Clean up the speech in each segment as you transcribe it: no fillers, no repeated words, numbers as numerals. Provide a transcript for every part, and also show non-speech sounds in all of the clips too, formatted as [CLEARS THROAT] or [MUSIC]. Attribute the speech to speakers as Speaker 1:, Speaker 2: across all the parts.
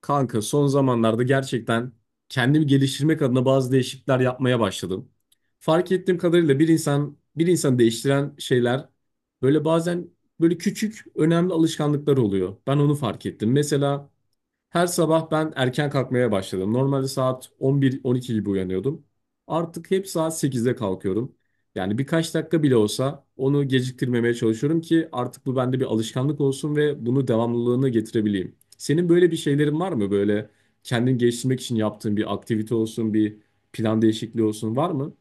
Speaker 1: Kanka son zamanlarda gerçekten kendimi geliştirmek adına bazı değişiklikler yapmaya başladım. Fark ettiğim kadarıyla bir insan değiştiren şeyler böyle bazen böyle küçük önemli alışkanlıklar oluyor. Ben onu fark ettim. Mesela her sabah ben erken kalkmaya başladım. Normalde saat 11-12 gibi uyanıyordum. Artık hep saat 8'de kalkıyorum. Yani birkaç dakika bile olsa onu geciktirmemeye çalışıyorum ki artık bu bende bir alışkanlık olsun ve bunu devamlılığını getirebileyim. Senin böyle bir şeylerin var mı? Böyle kendini geliştirmek için yaptığın bir aktivite olsun, bir plan değişikliği olsun var mı?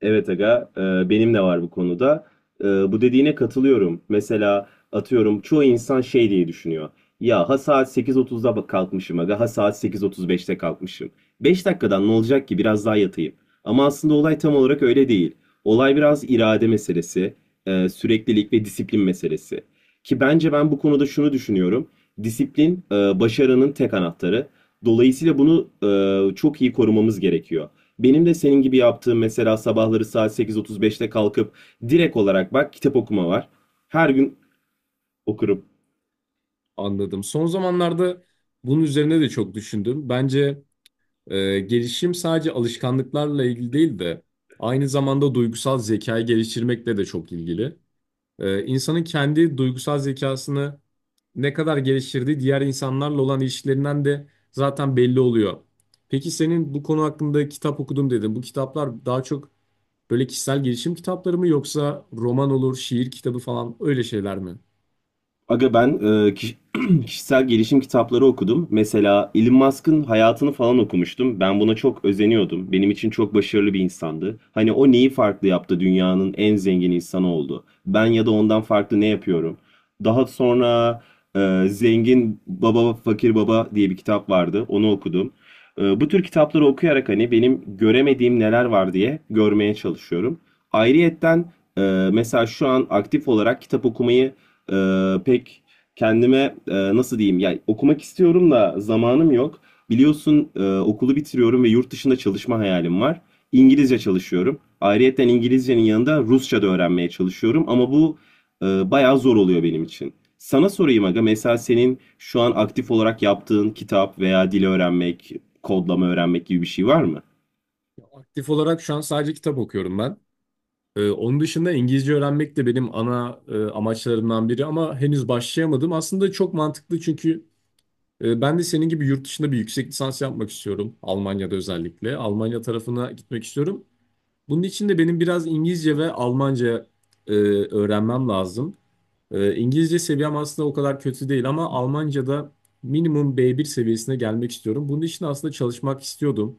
Speaker 2: Evet aga, benim de var bu konuda. Bu dediğine katılıyorum. Mesela atıyorum çoğu insan şey diye düşünüyor. Ya ha saat 8:30'da kalkmışım aga, ha saat 8:35'te kalkmışım. 5 dakikadan ne olacak ki biraz daha yatayım. Ama aslında olay tam olarak öyle değil. Olay biraz irade meselesi, süreklilik ve disiplin meselesi. Ki bence ben bu konuda şunu düşünüyorum. Disiplin başarının tek anahtarı. Dolayısıyla bunu çok iyi korumamız gerekiyor. Benim de senin gibi yaptığım mesela sabahları saat 8:35'te kalkıp direkt olarak bak kitap okuma var. Her gün okurum.
Speaker 1: Anladım. Son zamanlarda bunun üzerine de çok düşündüm. Bence gelişim sadece alışkanlıklarla ilgili değil de aynı zamanda duygusal zekayı geliştirmekle de çok ilgili. İnsanın kendi duygusal zekasını ne kadar geliştirdiği diğer insanlarla olan ilişkilerinden de zaten belli oluyor. Peki senin bu konu hakkında kitap okudum dedin. Bu kitaplar daha çok böyle kişisel gelişim kitapları mı yoksa roman olur, şiir kitabı falan öyle şeyler mi?
Speaker 2: Aga ben [CLEARS THROAT] kişisel gelişim kitapları okudum. Mesela Elon Musk'ın hayatını falan okumuştum. Ben buna çok özeniyordum. Benim için çok başarılı bir insandı. Hani o neyi farklı yaptı? Dünyanın en zengin insanı oldu. Ben ya da ondan farklı ne yapıyorum? Daha sonra Zengin Baba Fakir Baba diye bir kitap vardı. Onu okudum. Bu tür kitapları okuyarak hani benim göremediğim neler var diye görmeye çalışıyorum. Ayrıyetten e, mesela şu an aktif olarak kitap okumayı pek kendime nasıl diyeyim yani okumak istiyorum da zamanım yok. Biliyorsun okulu bitiriyorum ve yurt dışında çalışma hayalim var. İngilizce çalışıyorum. Ayrıyeten İngilizcenin yanında Rusça da öğrenmeye çalışıyorum ama bu bayağı zor oluyor benim için. Sana sorayım aga, mesela senin şu an aktif olarak yaptığın kitap veya dil öğrenmek, kodlama öğrenmek gibi bir şey var mı?
Speaker 1: Aktif olarak şu an sadece kitap okuyorum ben. Onun dışında İngilizce öğrenmek de benim ana amaçlarımdan biri ama henüz başlayamadım. Aslında çok mantıklı, çünkü ben de senin gibi yurt dışında bir yüksek lisans yapmak istiyorum. Almanya'da özellikle. Almanya tarafına gitmek istiyorum. Bunun için de benim biraz İngilizce ve Almanca öğrenmem lazım. İngilizce seviyem aslında o kadar kötü değil ama Almanca'da minimum B1 seviyesine gelmek istiyorum. Bunun için aslında çalışmak istiyordum.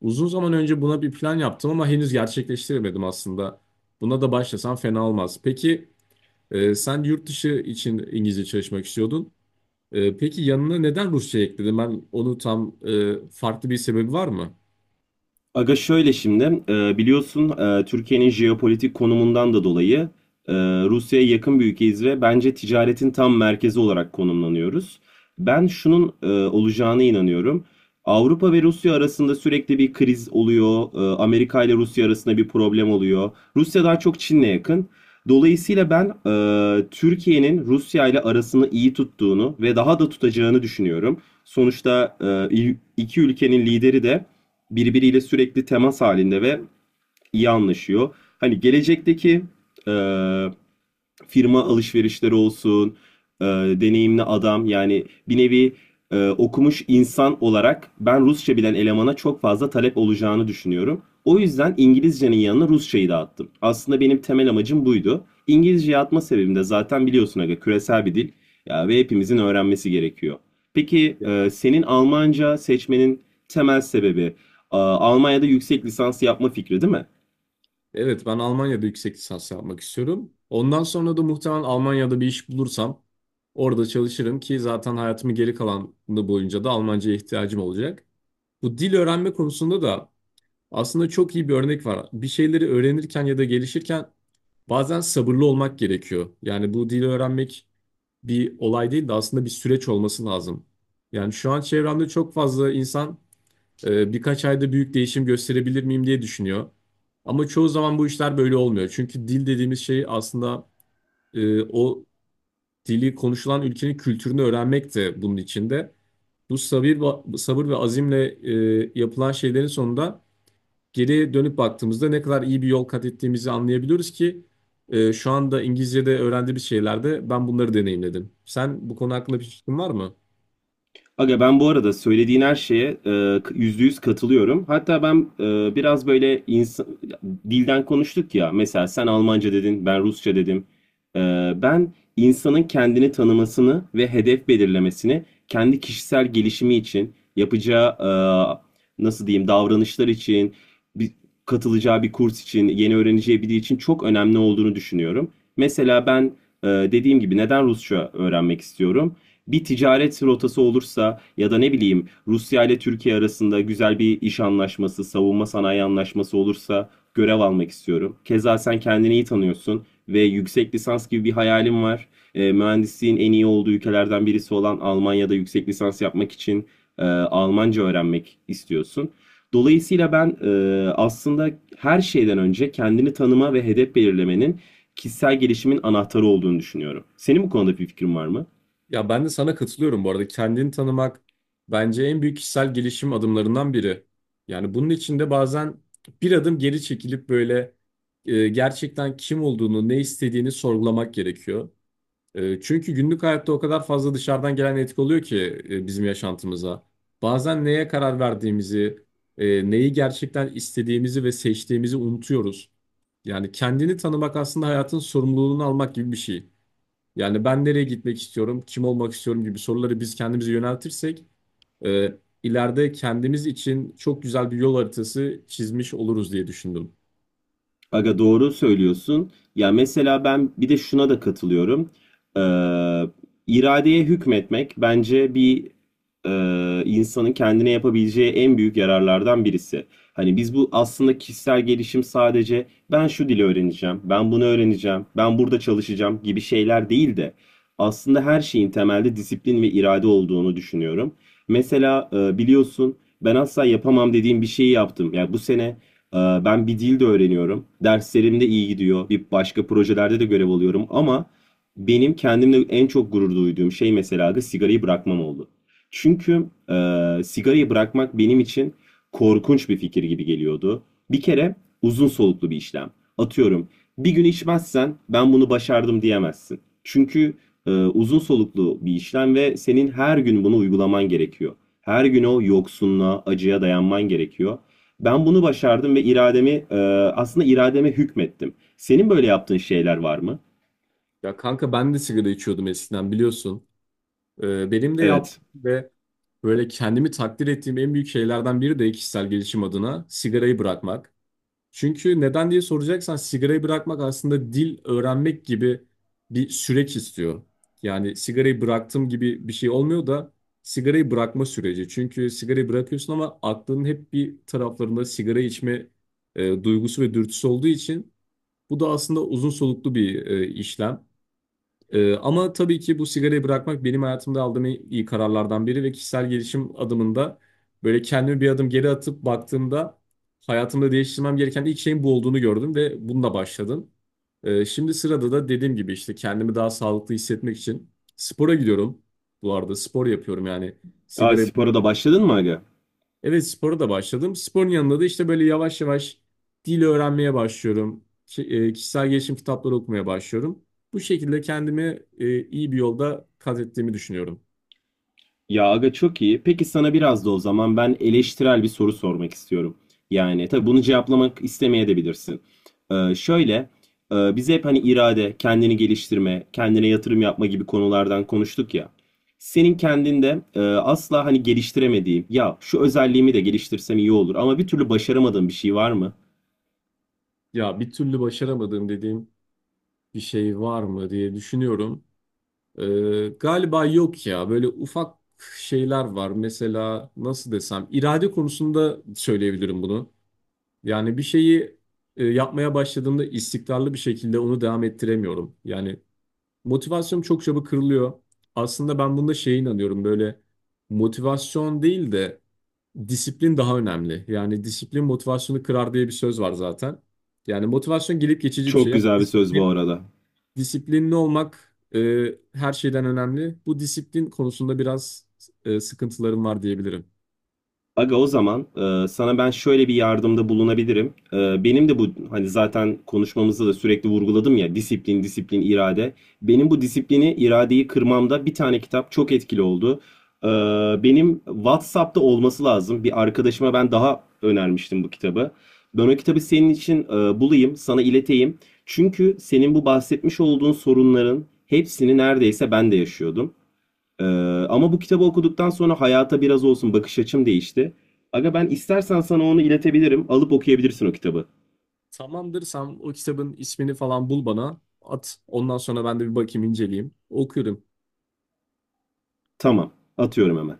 Speaker 1: Uzun zaman önce buna bir plan yaptım ama henüz gerçekleştiremedim aslında. Buna da başlasam fena olmaz. Peki sen yurt dışı için İngilizce çalışmak istiyordun. Peki yanına neden Rusça ekledin? Ben onu tam farklı bir sebebi var mı?
Speaker 2: Aga şöyle şimdi biliyorsun Türkiye'nin jeopolitik konumundan da dolayı e, Rusya'ya yakın bir ülkeyiz ve bence ticaretin tam merkezi olarak konumlanıyoruz. Ben şunun olacağına inanıyorum. Avrupa ve Rusya arasında sürekli bir kriz oluyor. Amerika ile Rusya arasında bir problem oluyor. Rusya daha çok Çin'le yakın. Dolayısıyla ben Türkiye'nin Rusya ile arasını iyi tuttuğunu ve daha da tutacağını düşünüyorum. Sonuçta e, iki ülkenin lideri de birbiriyle sürekli temas halinde ve iyi anlaşıyor. Hani gelecekteki eee, firma alışverişleri olsun, e, deneyimli adam yani bir nevi okumuş insan olarak ben Rusça bilen elemana çok fazla talep olacağını düşünüyorum. O yüzden İngilizcenin yanına Rusçayı da attım. Aslında benim temel amacım buydu. İngilizceyi atma sebebim de zaten biliyorsun aga, küresel bir dil ya ve hepimizin öğrenmesi gerekiyor. Peki senin Almanca seçmenin temel sebebi Almanya'da yüksek lisans yapma fikri değil mi?
Speaker 1: Evet, ben Almanya'da yüksek lisans yapmak istiyorum. Ondan sonra da muhtemelen Almanya'da bir iş bulursam orada çalışırım ki zaten hayatımın geri kalanı boyunca da Almanca'ya ihtiyacım olacak. Bu dil öğrenme konusunda da aslında çok iyi bir örnek var. Bir şeyleri öğrenirken ya da gelişirken bazen sabırlı olmak gerekiyor. Yani bu dili öğrenmek bir olay değil de aslında bir süreç olması lazım. Yani şu an çevremde çok fazla insan birkaç ayda büyük değişim gösterebilir miyim diye düşünüyor. Ama çoğu zaman bu işler böyle olmuyor. Çünkü dil dediğimiz şey aslında o dili konuşulan ülkenin kültürünü öğrenmek de bunun içinde. Bu sabır, sabır ve azimle yapılan şeylerin sonunda geri dönüp baktığımızda ne kadar iyi bir yol kat ettiğimizi anlayabiliyoruz ki şu anda İngilizce'de öğrendiğimiz şeylerde ben bunları deneyimledim. Sen bu konu hakkında bir fikrin var mı?
Speaker 2: Aga ben bu arada söylediğin her şeye yüzde yüz katılıyorum. Hatta ben biraz böyle insan, dilden konuştuk ya. Mesela sen Almanca dedin, ben Rusça dedim. E, Ben insanın kendini tanımasını ve hedef belirlemesini kendi kişisel gelişimi için yapacağı nasıl diyeyim davranışlar için, bir, katılacağı bir kurs için, yeni öğreneceği biri için çok önemli olduğunu düşünüyorum. Mesela ben dediğim gibi, neden Rusça öğrenmek istiyorum? Bir ticaret rotası olursa ya da ne bileyim Rusya ile Türkiye arasında güzel bir iş anlaşması, savunma sanayi anlaşması olursa görev almak istiyorum. Keza sen kendini iyi tanıyorsun ve yüksek lisans gibi bir hayalim var. Mühendisliğin en iyi olduğu ülkelerden birisi olan Almanya'da yüksek lisans yapmak için Almanca öğrenmek istiyorsun. Dolayısıyla ben aslında her şeyden önce kendini tanıma ve hedef belirlemenin kişisel gelişimin anahtarı olduğunu düşünüyorum. Senin bu konuda bir fikrin var mı?
Speaker 1: Ya ben de sana katılıyorum bu arada. Kendini tanımak bence en büyük kişisel gelişim adımlarından biri. Yani bunun için de bazen bir adım geri çekilip böyle gerçekten kim olduğunu, ne istediğini sorgulamak gerekiyor. Çünkü günlük hayatta o kadar fazla dışarıdan gelen etki oluyor ki bizim yaşantımıza. Bazen neye karar verdiğimizi, neyi gerçekten istediğimizi ve seçtiğimizi unutuyoruz. Yani kendini tanımak aslında hayatın sorumluluğunu almak gibi bir şey. Yani ben nereye gitmek istiyorum, kim olmak istiyorum gibi soruları biz kendimize yöneltirsek ileride kendimiz için çok güzel bir yol haritası çizmiş oluruz diye düşündüm.
Speaker 2: Aga doğru söylüyorsun. Ya mesela ben bir de şuna da katılıyorum. Ee, iradeye hükmetmek bence bir, insanın kendine yapabileceği en büyük yararlardan birisi. Hani biz bu aslında, kişisel gelişim sadece ben şu dili öğreneceğim, ben bunu öğreneceğim, ben burada çalışacağım gibi şeyler değil de aslında her şeyin temelde disiplin ve irade olduğunu düşünüyorum. Mesela biliyorsun, ben asla yapamam dediğim bir şeyi yaptım. Ya bu sene ee, ben bir dil de öğreniyorum. Derslerimde iyi gidiyor. Bir başka projelerde de görev alıyorum ama benim kendimle en çok gurur duyduğum şey mesela da sigarayı bırakmam oldu. Çünkü sigarayı bırakmak benim için korkunç bir fikir gibi geliyordu. Bir kere uzun soluklu bir işlem. Atıyorum, bir gün içmezsen ben bunu başardım diyemezsin. Çünkü uzun soluklu bir işlem ve senin her gün bunu uygulaman gerekiyor. Her gün o yoksunluğa, acıya dayanman gerekiyor. Ben bunu başardım ve aslında irademe hükmettim. Senin böyle yaptığın şeyler var mı?
Speaker 1: Ya kanka, ben de sigara içiyordum eskiden, biliyorsun. Benim de
Speaker 2: Evet.
Speaker 1: yaptığım ve böyle kendimi takdir ettiğim en büyük şeylerden biri de kişisel gelişim adına sigarayı bırakmak. Çünkü neden diye soracaksan, sigarayı bırakmak aslında dil öğrenmek gibi bir süreç istiyor. Yani sigarayı bıraktım gibi bir şey olmuyor da sigarayı bırakma süreci. Çünkü sigarayı bırakıyorsun ama aklının hep bir taraflarında sigara içme duygusu ve dürtüsü olduğu için bu da aslında uzun soluklu bir işlem. Ama tabii ki bu sigarayı bırakmak benim hayatımda aldığım en iyi kararlardan biri ve kişisel gelişim adımında böyle kendimi bir adım geri atıp baktığımda hayatımda değiştirmem gereken ilk şeyin bu olduğunu gördüm ve bununla başladım. Şimdi sırada da, dediğim gibi, işte kendimi daha sağlıklı hissetmek için spora gidiyorum. Bu arada spor yapıyorum, yani
Speaker 2: Aa,
Speaker 1: sigarayı.
Speaker 2: spora da başladın mı aga?
Speaker 1: Evet, spora da başladım. Sporun yanında da işte böyle yavaş yavaş dil öğrenmeye başlıyorum. Kişisel gelişim kitapları okumaya başlıyorum. Bu şekilde kendimi iyi bir yolda kat ettiğimi düşünüyorum.
Speaker 2: Ya aga çok iyi. Peki sana biraz da o zaman ben eleştirel bir soru sormak istiyorum. Yani tabii bunu cevaplamak istemeyebilirsin. Şöyle, biz hep hani irade, kendini geliştirme, kendine yatırım yapma gibi konulardan konuştuk ya. Senin kendinde asla hani geliştiremediğin, ya şu özelliğimi de geliştirsem iyi olur ama bir türlü başaramadığın bir şey var mı?
Speaker 1: Ya bir türlü başaramadığım dediğim bir şey var mı diye düşünüyorum. Galiba yok ya. Böyle ufak şeyler var. Mesela nasıl desem, irade konusunda söyleyebilirim bunu. Yani bir şeyi yapmaya başladığımda istikrarlı bir şekilde onu devam ettiremiyorum. Yani motivasyonum çok çabuk kırılıyor. Aslında ben bunda şeye inanıyorum, böyle motivasyon değil de disiplin daha önemli. Yani disiplin motivasyonu kırar diye bir söz var zaten. Yani motivasyon gelip geçici bir
Speaker 2: Çok
Speaker 1: şey ama
Speaker 2: güzel bir söz bu
Speaker 1: disiplin,
Speaker 2: arada.
Speaker 1: disiplinli olmak her şeyden önemli. Bu disiplin konusunda biraz sıkıntılarım var diyebilirim.
Speaker 2: Aga o zaman sana ben şöyle bir yardımda bulunabilirim. Benim de bu, hani zaten konuşmamızda da sürekli vurguladım ya, disiplin, disiplin, irade. Benim bu disiplini, iradeyi kırmamda bir tane kitap çok etkili oldu. E, Benim WhatsApp'ta olması lazım. Bir arkadaşıma ben daha önermiştim bu kitabı. Ben o kitabı senin için bulayım, sana ileteyim. Çünkü senin bu bahsetmiş olduğun sorunların hepsini neredeyse ben de yaşıyordum. Ee, Ama bu kitabı okuduktan sonra hayata biraz olsun bakış açım değişti. Aga ben istersen sana onu iletebilirim. Alıp okuyabilirsin o kitabı.
Speaker 1: Tamamdır, sen o kitabın ismini falan bul, bana at. Ondan sonra ben de bir bakayım, inceleyeyim. Okuyorum.
Speaker 2: Tamam. Atıyorum hemen.